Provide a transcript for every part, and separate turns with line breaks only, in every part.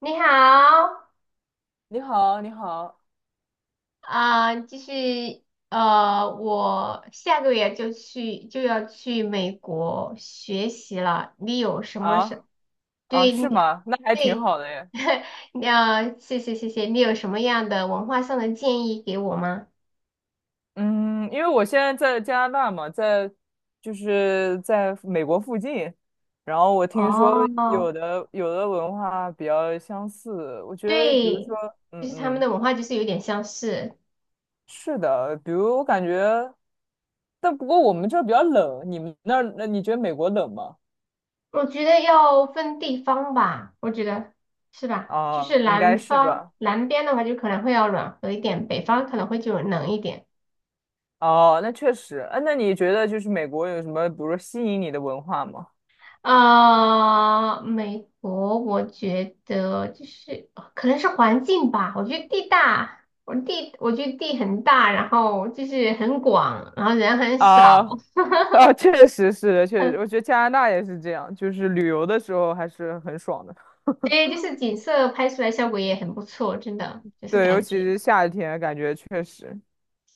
你好。
你好，你好
啊、就是我下个月就要去美国学习了。你有什么是。
啊啊，
对
是
你。
吗？那还挺
对。
好的耶。
你要谢谢谢谢，你有什么样的文化上的建议给我吗？
嗯，因为我现在在加拿大嘛，在就是在美国附近，然后我听说有
哦，
的有的文化比较相似，我觉得比如
对，
说，
就
嗯
是他们
嗯，
的文化就是有点相似。
是的，比如我感觉，但不过我们这儿比较冷，你们那儿那你觉得美国冷吗？
我觉得要分地方吧，我觉得是吧？就
啊，
是
应该是吧。
南边的话，就可能会要暖和一点，北方可能会就冷一点。
哦，那确实。啊，那你觉得就是美国有什么，比如说吸引你的文化吗？
啊、美国我觉得就是可能是环境吧，我觉得地大，我觉得地很大，然后就是很广，然后人很
啊
少。
啊，确实是的，确实，我觉得 加拿大也是这样，就是旅游的时候还是很爽的。
对，就是景色拍出来效果也很不错，真的就是
对，尤
感
其
觉。
是夏天，感觉确实，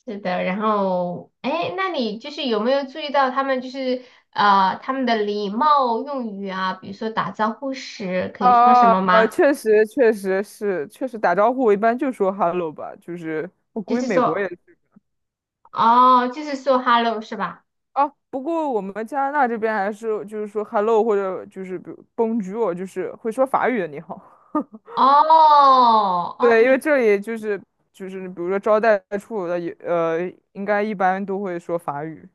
是的，然后，哎，那你就是有没有注意到他们就是他们的礼貌用语啊，比如说打招呼时可以说什
啊，
么吗？
确实，确实是，确实打招呼，我一般就说 hello 吧，就是我
就
估计
是
美国也
说，
是。
哦，就是说 hello 是吧？
啊，不过我们加拿大这边还是就是说 hello 或者就是比如 bonjour，就是会说法语的你好。
哦。哦，
对，因为
你。
这里就是就是比如说招待处的也应该一般都会说法语。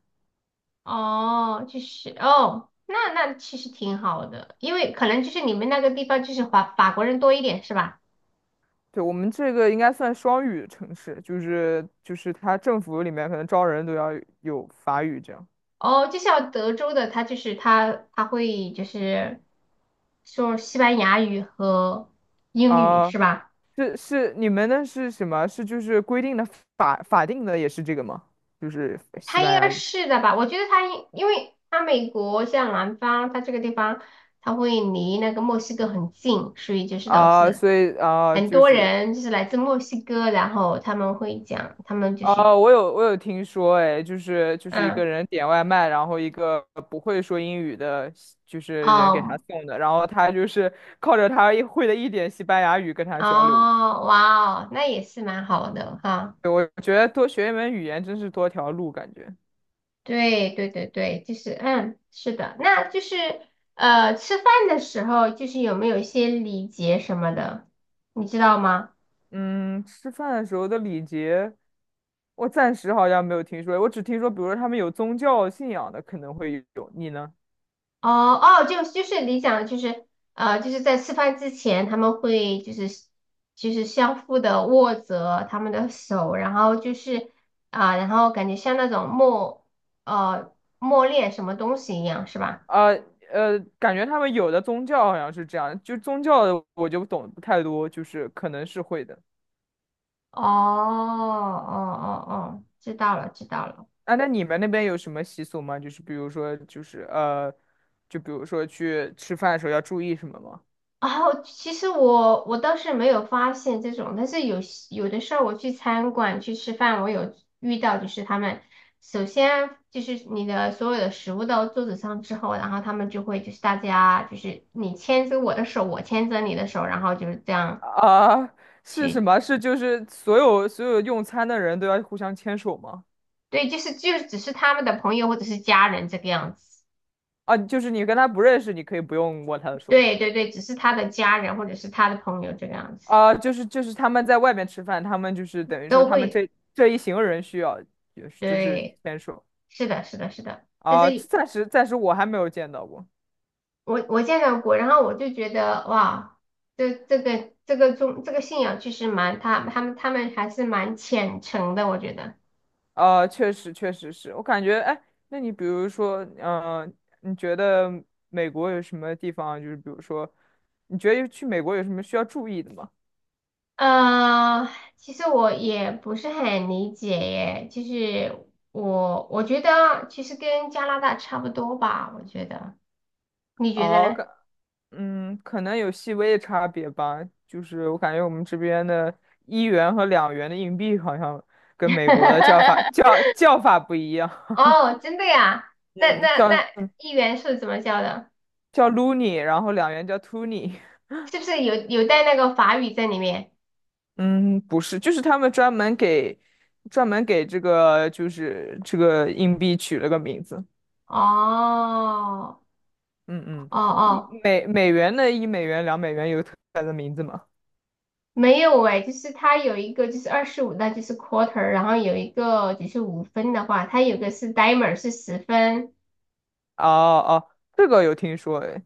哦，就是哦，那其实挺好的，因为可能就是你们那个地方就是法国人多一点是吧？
对，我们这个应该算双语城市，就是它政府里面可能招人都要有法语这样。
哦，就像德州的，他就是他会就是说西班牙语和英语
啊。
是吧？
是是，你们那是什么？是就是规定的法定的也是这个吗？就是西
他
班
应
牙
该
语。
是的吧？我觉得他应，因为他美国像南方，他这个地方，他会离那个墨西哥很近，所以就是导
啊，
致
所以啊
很
就
多
是
人就是来自墨西哥，然后他们会讲，他们就是。
啊，我有听说，哎，就是一个
嗯。
人点外卖，然后一个不会说英语的，就是人给他
哦。
送的，然后他就是靠着他一会的一点西班牙语跟他交流。
哦，哇哦，那也是蛮好的哈。
对，我觉得多学一门语言真是多条路，感觉。
对对对对，就是是的，那就是吃饭的时候就是有没有一些礼节什么的，你知道吗？
嗯，吃饭的时候的礼节，我暂时好像没有听说，我只听说，比如说他们有宗教信仰的可能会有，你呢？
哦哦，就是你讲的，就是就是在吃饭之前，他们会就是相互的握着他们的手，然后就是啊、然后感觉像那种呃默念什么东西一样，是吧？
呃感觉他们有的宗教好像是这样，就宗教的我就懂不太多，就是可能是会的。
哦哦哦哦，知道了知道了。
啊，那你们那边有什么习俗吗？就是比如说，就比如说去吃饭的时候要注意什么吗？
哦，其实我倒是没有发现这种，但是有的时候我去餐馆去吃饭，我有遇到，就是他们首先就是你的所有的食物到桌子上之后，然后他们就会就是大家就是你牵着我的手，我牵着你的手，然后就是这样
啊，是什
去。
么？是就是所有用餐的人都要互相牵手吗？
对，就是就只是他们的朋友或者是家人这个样子。
啊，就是你跟他不认识，你可以不用握他的手。
对对对，只是他的家人或者是他的朋友这个样子。
啊。就是就是他们在外面吃饭，他们就是等于说
都
他们
会。
这一行人需要就是就是
对，
牵手。
是的，是的，是的。但
啊。
是
暂时我还没有见到过。
我见到过，然后我就觉得哇，这这个这个宗这个信仰其实蛮他们还是蛮虔诚的，我觉得。
啊，确实是我感觉哎，那你比如说你觉得美国有什么地方就是比如说你觉得去美国有什么需要注意的吗？
呃，其实我也不是很理解耶，就是我觉得其实跟加拿大差不多吧，我觉得，你觉得
哦，
呢？
嗯，可能有细微的差别吧，就是我感觉我们这边的1元和2元的硬币好像跟美国的叫法 叫法不一样，
哦，真的 呀？那
嗯，
那
叫
那议员是怎么教的？
叫 loonie,然后两元叫 toonie。
是不是有带那个法语在里面？
嗯，不是，就是他们专门给这个就是这个硬币取了个名字，
哦
嗯嗯。
哦哦。
1美元、2美元有特别的名字吗？
没有哎，就是它有一个就是25，那就是 quarter，然后有一个就是5分的话，它有个是 dimer 是10分。
哦哦，这个有听说诶，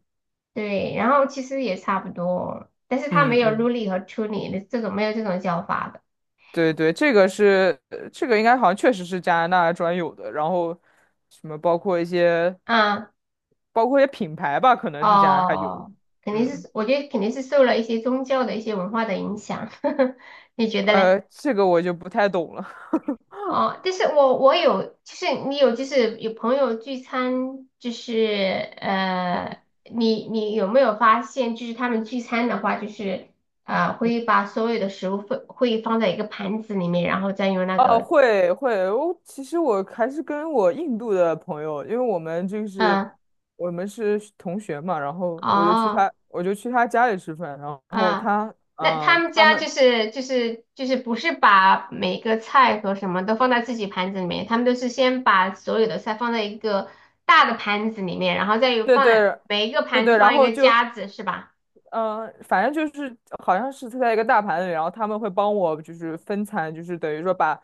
对，然后其实也差不多，但是它没
嗯
有
嗯。
ruly 和 truly 的这种没有这种叫法的。
对对，这个是这个应该好像确实是加拿大专有的，然后什么包括一些
啊、
品牌吧，可能是加拿大有，
哦，肯定
嗯，
是我觉得肯定是受了一些宗教的一些文化的影响。你觉得嘞？
呃，这个我就不太懂了。
哦，但是我有，就是你有，就是有朋友聚餐，就是你有没有发现，就是他们聚餐的话，就是会 把所有的食物会放在一个盘子里面，然后再用那个。
会，我其实我还是跟我印度的朋友，因为我们就是
嗯。
我们是同学嘛，然后
哦。
我就去他家里吃饭，然后
啊，
他
那他们
他
家就
们。
是就是就是不是把每个菜和什么都放在自己盘子里面，他们都是先把所有的菜放在一个大的盘子里面，然后再有
对
放在
对
每一个
对
盘子
对，然
放一
后
个
就
夹子，是吧？
反正就是好像是在一个大盘里，然后他们会帮我就是分餐，就是等于说把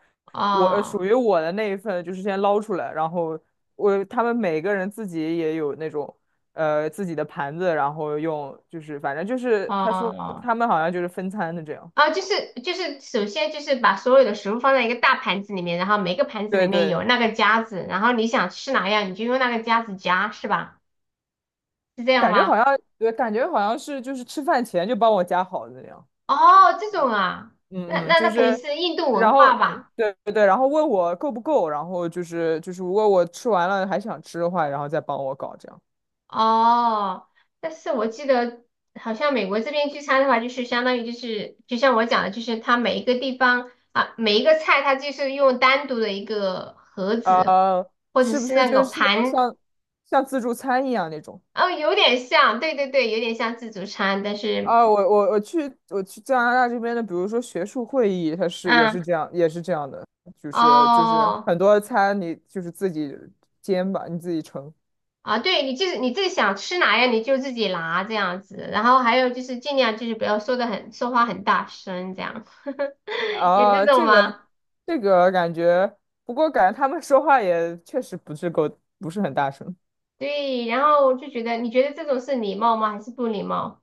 我
哦
属于我的那一份就是先捞出来，然后我他们每个人自己也有那种自己的盘子，然后用就是反正就是他说
哦
他们好像就是分餐的这样，
哦，就是，首先就是把所有的食物放在一个大盘子里面，然后每个盘子里
对
面
对，
有那个夹子，然后你想吃哪样，你就用那个夹子夹，是吧？是这样
感觉好
吗？
像对，感觉好像是就是吃饭前就帮我夹好的那样。
哦，这种啊，那
嗯嗯，
那那
就
肯定
是，
是印度
然
文
后
化吧？
对对对，然后问我够不够，然后就是就是如果我吃完了还想吃的话，然后再帮我搞这样。
哦，但是我记得好像美国这边聚餐的话，就是相当于就是就像我讲的，就是它每一个地方啊，每一个菜它就是用单独的一个盒子
呃，
或者
是不是
是那个
就是那种
盘。
像自助餐一样那种？
哦，有点像，对对对，有点像自助餐，但是。
啊，我去加拿大这边的，比如说学术会议，它是也
嗯。
是这样也是这样的，就是就是
哦。
很多餐你就是自己煎吧，你自己盛。
啊，对，你就是你自己想吃哪样，你就自己拿这样子，然后还有就是尽量就是不要说话很大声这样。有这
啊，
种吗？
这个感觉，不过感觉他们说话也确实不是够，不是很大声。
对，然后我就觉得，你觉得这种是礼貌吗？还是不礼貌？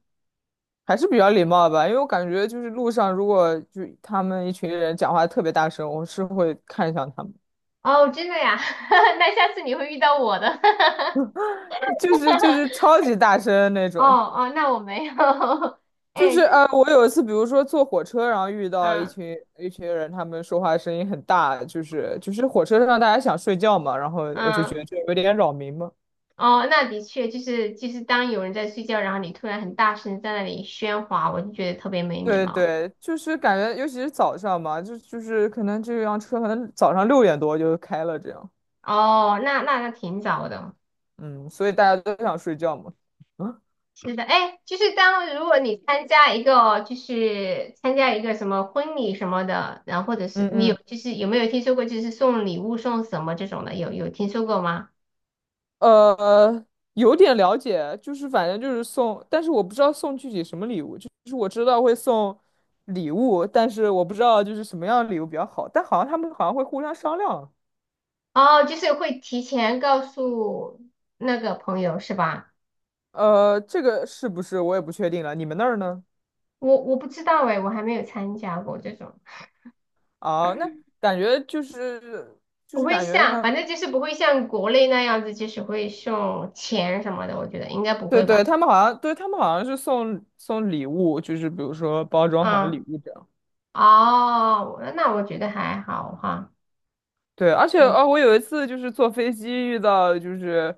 还是比较礼貌吧，因为我感觉就是路上如果就他们一群人讲话特别大声，我是会看向他们，
哦，真的呀，那下次你会遇到我的。
就是就是 超级大声那
哦
种。
哦，那我没有，
就
哎，
是我有一次，比如说坐火车，然后遇到一
嗯
群一群人，他们说话声音很大，就是就是火车上大家想睡觉嘛，然后我就觉
嗯。
得这有点扰民嘛。
哦，那的确就是当有人在睡觉，然后你突然很大声在那里喧哗，我就觉得特别没礼
对
貌。
对，就是感觉尤其是早上嘛，就就是可能这辆车可能早上6点多就开了这样，
哦，那挺早的。
嗯，所以大家都想睡觉嘛。嗯
是的，哎，就是当如果你参加一个什么婚礼什么的，然后或者是
嗯。
就是有没有听说过就是送礼物送什么这种的，有听说过吗？
呃，有点了解，就是反正就是送，但是我不知道送具体什么礼物，就是我知道会送礼物，但是我不知道就是什么样的礼物比较好，但好像他们好像会互相商量，
哦，就是会提前告诉那个朋友是吧？
这个是不是我也不确定了，你们那儿呢？
我不知道哎，我还没有参加过这种。
啊，那 感觉就是就
不
是
会
感觉
像，
他，
反正就是不会像国内那样子，就是会送钱什么的，我觉得应该不
对
会吧。
对，他们好像对他们好像是送礼物，就是比如说包装好的礼
嗯，
物这样。
哦，我觉得还好哈。
对，而且
嗯
哦，我有一次就是坐飞机遇到，就是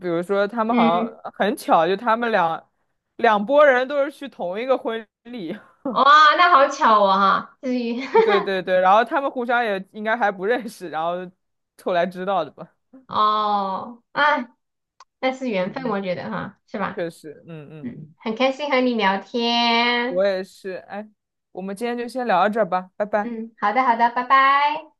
比如说他们好
嗯，
像很巧，就他们两拨人都是去同一个婚礼，
哇，那好巧哦哈，至于
对对对，然后他们互相也应该还不认识，然后后来知道的吧。
哦，哎，那是
嗯
缘分，
嗯，
我觉得哈，是吧？
确实，嗯嗯，
嗯，很开心和你聊天。
我也是。哎，我们今天就先聊到这儿吧，拜拜。
嗯，好的好的，拜拜。